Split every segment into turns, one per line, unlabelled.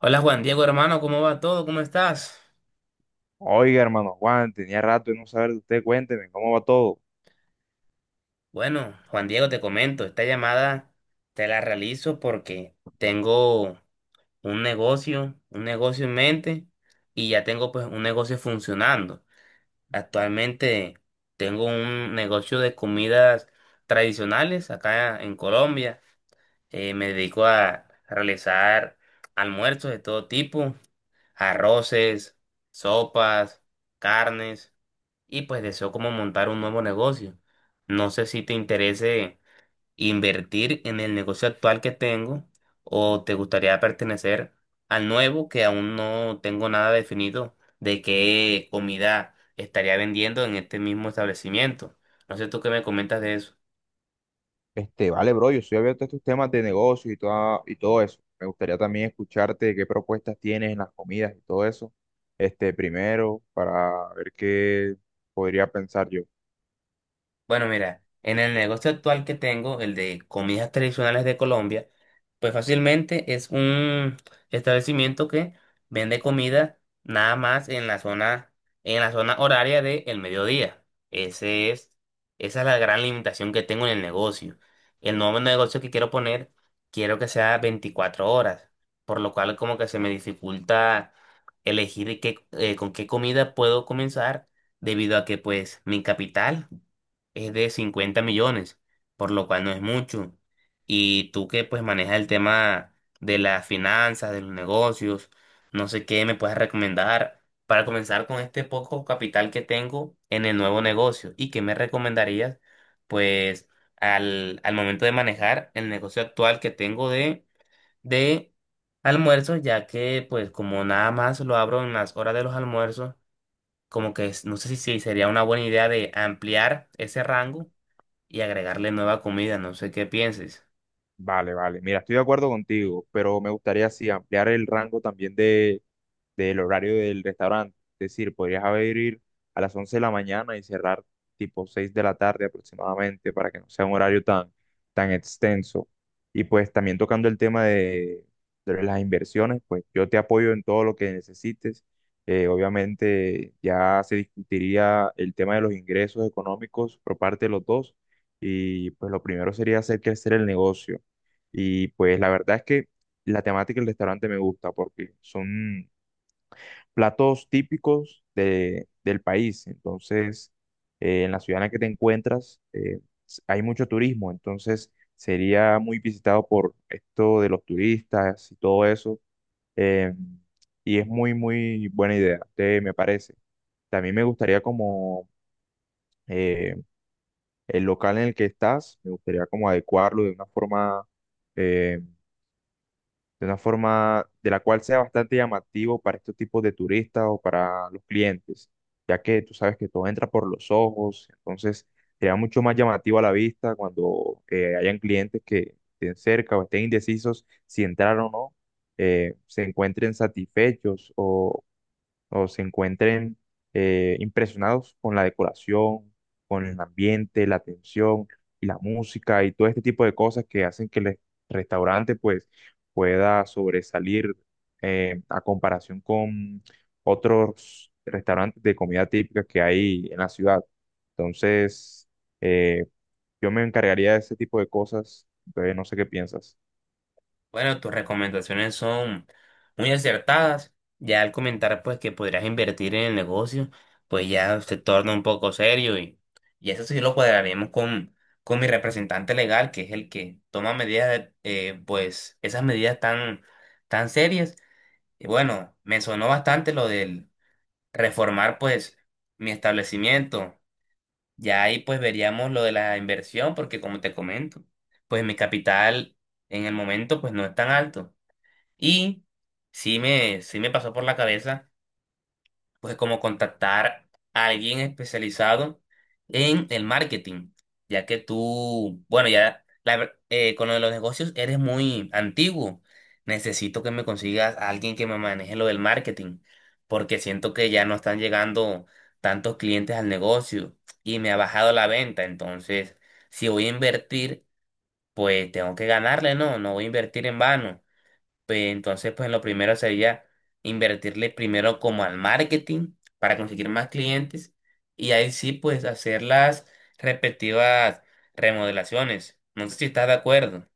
Hola Juan Diego, hermano, ¿cómo va todo? ¿Cómo estás?
Oiga, hermano Juan, tenía rato de no saber de usted, cuénteme, ¿cómo va todo?
Bueno, Juan Diego, te comento, esta llamada te la realizo porque tengo un negocio en mente y ya tengo pues un negocio funcionando. Actualmente tengo un negocio de comidas tradicionales acá en Colombia. Me dedico a realizar almuerzos de todo tipo, arroces, sopas, carnes, y pues deseo como montar un nuevo negocio. No sé si te interese invertir en el negocio actual que tengo o te gustaría pertenecer al nuevo, que aún no tengo nada definido de qué comida estaría vendiendo en este mismo establecimiento. No sé tú qué me comentas de eso.
Vale, bro, yo estoy abierto a estos temas de negocio y todo eso. Me gustaría también escucharte qué propuestas tienes en las comidas y todo eso. Este, primero, para ver qué podría pensar yo.
Bueno, mira, en el negocio actual que tengo, el de comidas tradicionales de Colombia, pues fácilmente es un establecimiento que vende comida nada más en la zona horaria del mediodía. Ese es, esa es la gran limitación que tengo en el negocio. El nuevo negocio que quiero poner, quiero que sea 24 horas, por lo cual como que se me dificulta elegir qué, con qué comida puedo comenzar, debido a que pues mi capital es de 50 millones, por lo cual no es mucho. Y tú, que pues manejas el tema de las finanzas, de los negocios, no sé qué me puedes recomendar para comenzar con este poco capital que tengo en el nuevo negocio. ¿Y qué me recomendarías pues al momento de manejar el negocio actual que tengo de almuerzos, ya que pues como nada más lo abro en las horas de los almuerzos, como que no sé si sería una buena idea de ampliar ese rango y agregarle nueva comida? No sé qué pienses.
Vale, vale, mira, estoy de acuerdo contigo, pero me gustaría sí ampliar el rango también de del horario del restaurante. Es decir, podrías abrir a las 11 de la mañana y cerrar tipo 6 de la tarde aproximadamente para que no sea un horario tan extenso. Y pues también tocando el tema de las inversiones, pues yo te apoyo en todo lo que necesites. Obviamente ya se discutiría el tema de los ingresos económicos por parte de los dos y pues lo primero sería hacer crecer el negocio. Y pues la verdad es que la temática del restaurante me gusta porque son platos típicos del país. Entonces, en la ciudad en la que te encuentras, hay mucho turismo, entonces sería muy visitado por esto de los turistas y todo eso. eh, y es muy, muy buena idea, me parece. También me gustaría como eh, el local en el que estás, me gustaría como adecuarlo eh, de una forma de la cual sea bastante llamativo para estos tipos de turistas o para los clientes, ya que tú sabes que todo entra por los ojos, entonces será mucho más llamativo a la vista cuando hayan clientes que estén cerca o estén indecisos si entrar o no, se encuentren satisfechos o se encuentren impresionados con la decoración, con el ambiente, la atención y la música y todo este tipo de cosas que hacen que el restaurante pues pueda sobresalir a comparación con otros restaurantes de comida típica que hay en la ciudad. Entonces, eh, yo me encargaría de ese tipo de cosas, entonces no sé qué piensas.
Bueno, tus recomendaciones son muy acertadas. Ya al comentar pues que podrías invertir en el negocio, pues ya se torna un poco serio, y eso sí lo cuadraremos con mi representante legal, que es el que toma medidas, pues esas medidas tan, tan serias. Y bueno, me sonó bastante lo del reformar pues mi establecimiento. Ya ahí pues veríamos lo de la inversión, porque como te comento, pues mi capital en el momento pues no es tan alto. Y sí me pasó por la cabeza pues como contactar a alguien especializado en el marketing, ya que tú, bueno, ya la con lo de los negocios eres muy antiguo. Necesito que me consigas a alguien que me maneje lo del marketing, porque siento que ya no están llegando tantos clientes al negocio y me ha bajado la venta. Entonces, si voy a invertir, pues tengo que ganarle, ¿no? No voy a invertir en vano. Pues, entonces, pues lo primero sería invertirle primero como al marketing para conseguir más clientes y ahí sí, pues hacer las respectivas remodelaciones. No sé si estás de acuerdo.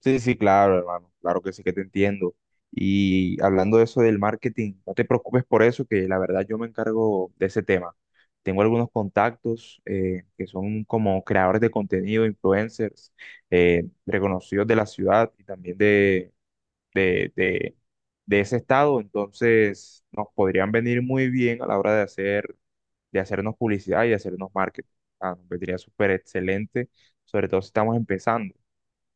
Sí, sí, claro, hermano, claro que sí que te entiendo. Y hablando de eso del marketing, no te preocupes por eso, que la verdad yo me encargo de ese tema. Tengo algunos contactos que son como creadores de contenido, influencers, reconocidos de la ciudad y también de, de, de ese estado. Entonces, nos podrían venir muy bien a la hora de hacernos publicidad y de hacernos marketing. Ah, nos vendría súper excelente, sobre todo si estamos empezando.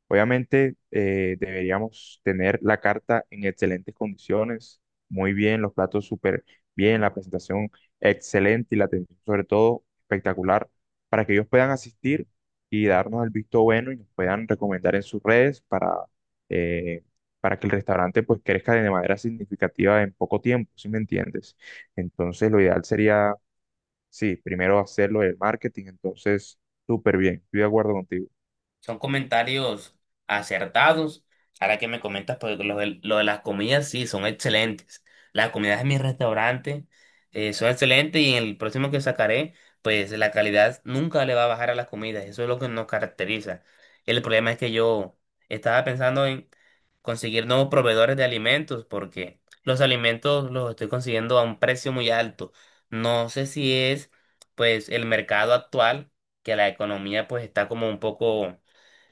Obviamente deberíamos tener la carta en excelentes condiciones, muy bien, los platos súper bien, la presentación excelente y la atención sobre todo espectacular para que ellos puedan asistir y darnos el visto bueno y nos puedan recomendar en sus redes eh, para que el restaurante pues crezca de manera significativa en poco tiempo, ¿si me entiendes? Entonces lo ideal sería, sí, primero hacerlo el marketing, entonces súper bien, estoy de acuerdo contigo.
Son comentarios acertados. Ahora que me comentas, pues lo de las comidas, sí, son excelentes. Las comidas de mi restaurante son excelentes, y en el próximo que sacaré, pues la calidad nunca le va a bajar a las comidas. Eso es lo que nos caracteriza. El problema es que yo estaba pensando en conseguir nuevos proveedores de alimentos, porque los alimentos los estoy consiguiendo a un precio muy alto. No sé si es pues el mercado actual, que la economía pues está como un poco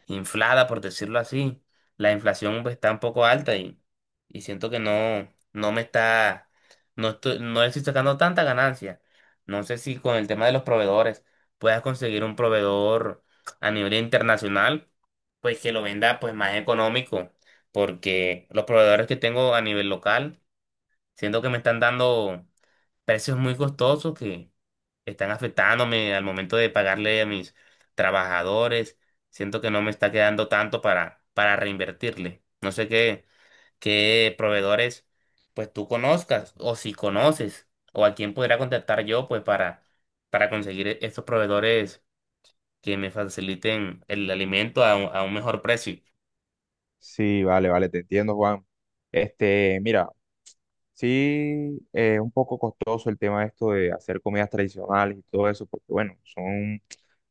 inflada, por decirlo así. La inflación pues, está un poco alta, y siento que no me está, no le estoy sacando tanta ganancia. No sé si con el tema de los proveedores puedas conseguir un proveedor a nivel internacional, pues que lo venda pues más económico, porque los proveedores que tengo a nivel local, siento que me están dando precios muy costosos que están afectándome al momento de pagarle a mis trabajadores. Siento que no me está quedando tanto para reinvertirle. No sé qué, qué proveedores pues tú conozcas, o si conoces o a quién podría contactar yo pues para conseguir estos proveedores que me faciliten el alimento a, a un mejor precio.
Sí, vale, vale, te entiendo, Juan. Mira, sí, es un poco costoso el tema esto de hacer comidas tradicionales y todo eso, porque bueno, son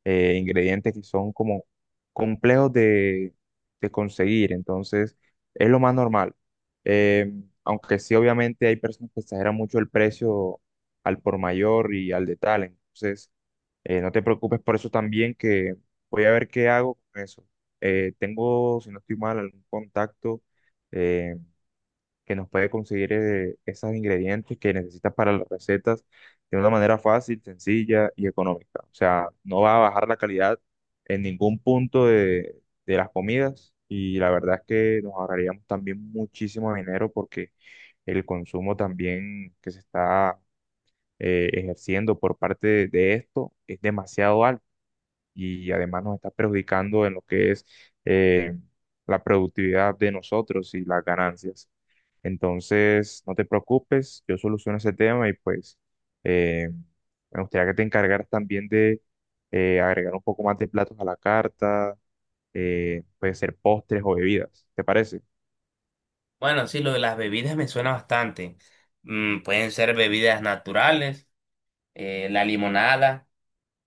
ingredientes que son como complejos de conseguir, entonces es lo más normal. Eh, aunque sí, obviamente hay personas que exageran mucho el precio al por mayor y al detalle, entonces no te preocupes por eso también, que voy a ver qué hago con eso. Tengo, si no estoy mal, algún contacto. eh, que nos puede conseguir esos ingredientes que necesitas para las recetas de una manera fácil, sencilla y económica. O sea, no va a bajar la calidad en ningún punto de las comidas y la verdad es que nos ahorraríamos también muchísimo dinero porque el consumo también que se está ejerciendo por parte de esto es demasiado alto y además nos está perjudicando en lo que es eh, la productividad de nosotros y las ganancias. Entonces, no te preocupes, yo soluciono ese tema y pues eh, me gustaría que te encargaras también de agregar un poco más de platos a la carta, puede ser postres o bebidas, ¿te parece?
Bueno, sí, lo de las bebidas me suena bastante. Mm, pueden ser bebidas naturales, la limonada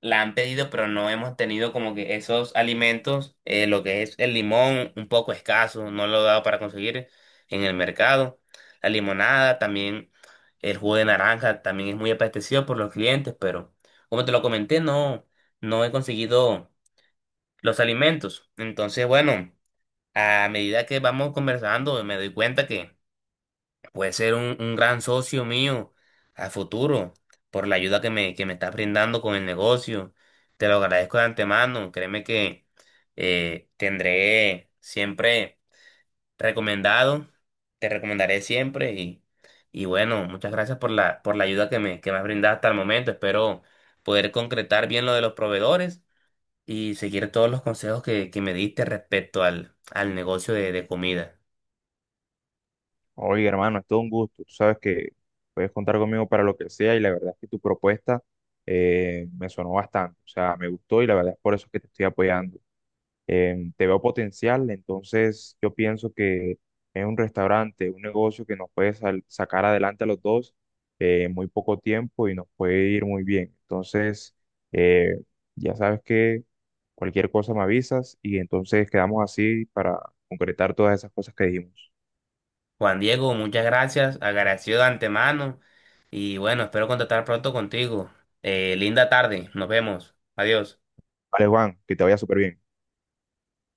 la han pedido, pero no hemos tenido como que esos alimentos, lo que es el limón, un poco escaso, no lo he dado para conseguir en el mercado. La limonada, también el jugo de naranja, también es muy apetecido por los clientes, pero como te lo comenté, no he conseguido los alimentos. Entonces, bueno, a medida que vamos conversando, me doy cuenta que puede ser un gran socio mío a futuro por la ayuda que que me estás brindando con el negocio. Te lo agradezco de antemano. Créeme que tendré siempre recomendado, te recomendaré siempre, y bueno, muchas gracias por la ayuda que que me has brindado hasta el momento. Espero poder concretar bien lo de los proveedores y seguir todos los consejos que me diste respecto al negocio de comida.
Oye, hermano, es todo un gusto, tú sabes que puedes contar conmigo para lo que sea y la verdad es que tu propuesta me sonó bastante, o sea, me gustó y la verdad es por eso que te estoy apoyando. Te veo potencial, entonces yo pienso que es un restaurante, un negocio que nos puede sacar adelante a los dos en muy poco tiempo y nos puede ir muy bien. Entonces, eh, ya sabes que cualquier cosa me avisas y entonces quedamos así para concretar todas esas cosas que dijimos.
Juan Diego, muchas gracias, agradecido de antemano, y bueno, espero contactar pronto contigo. Linda tarde, nos vemos, adiós.
Vale, Juan, que te vaya súper bien.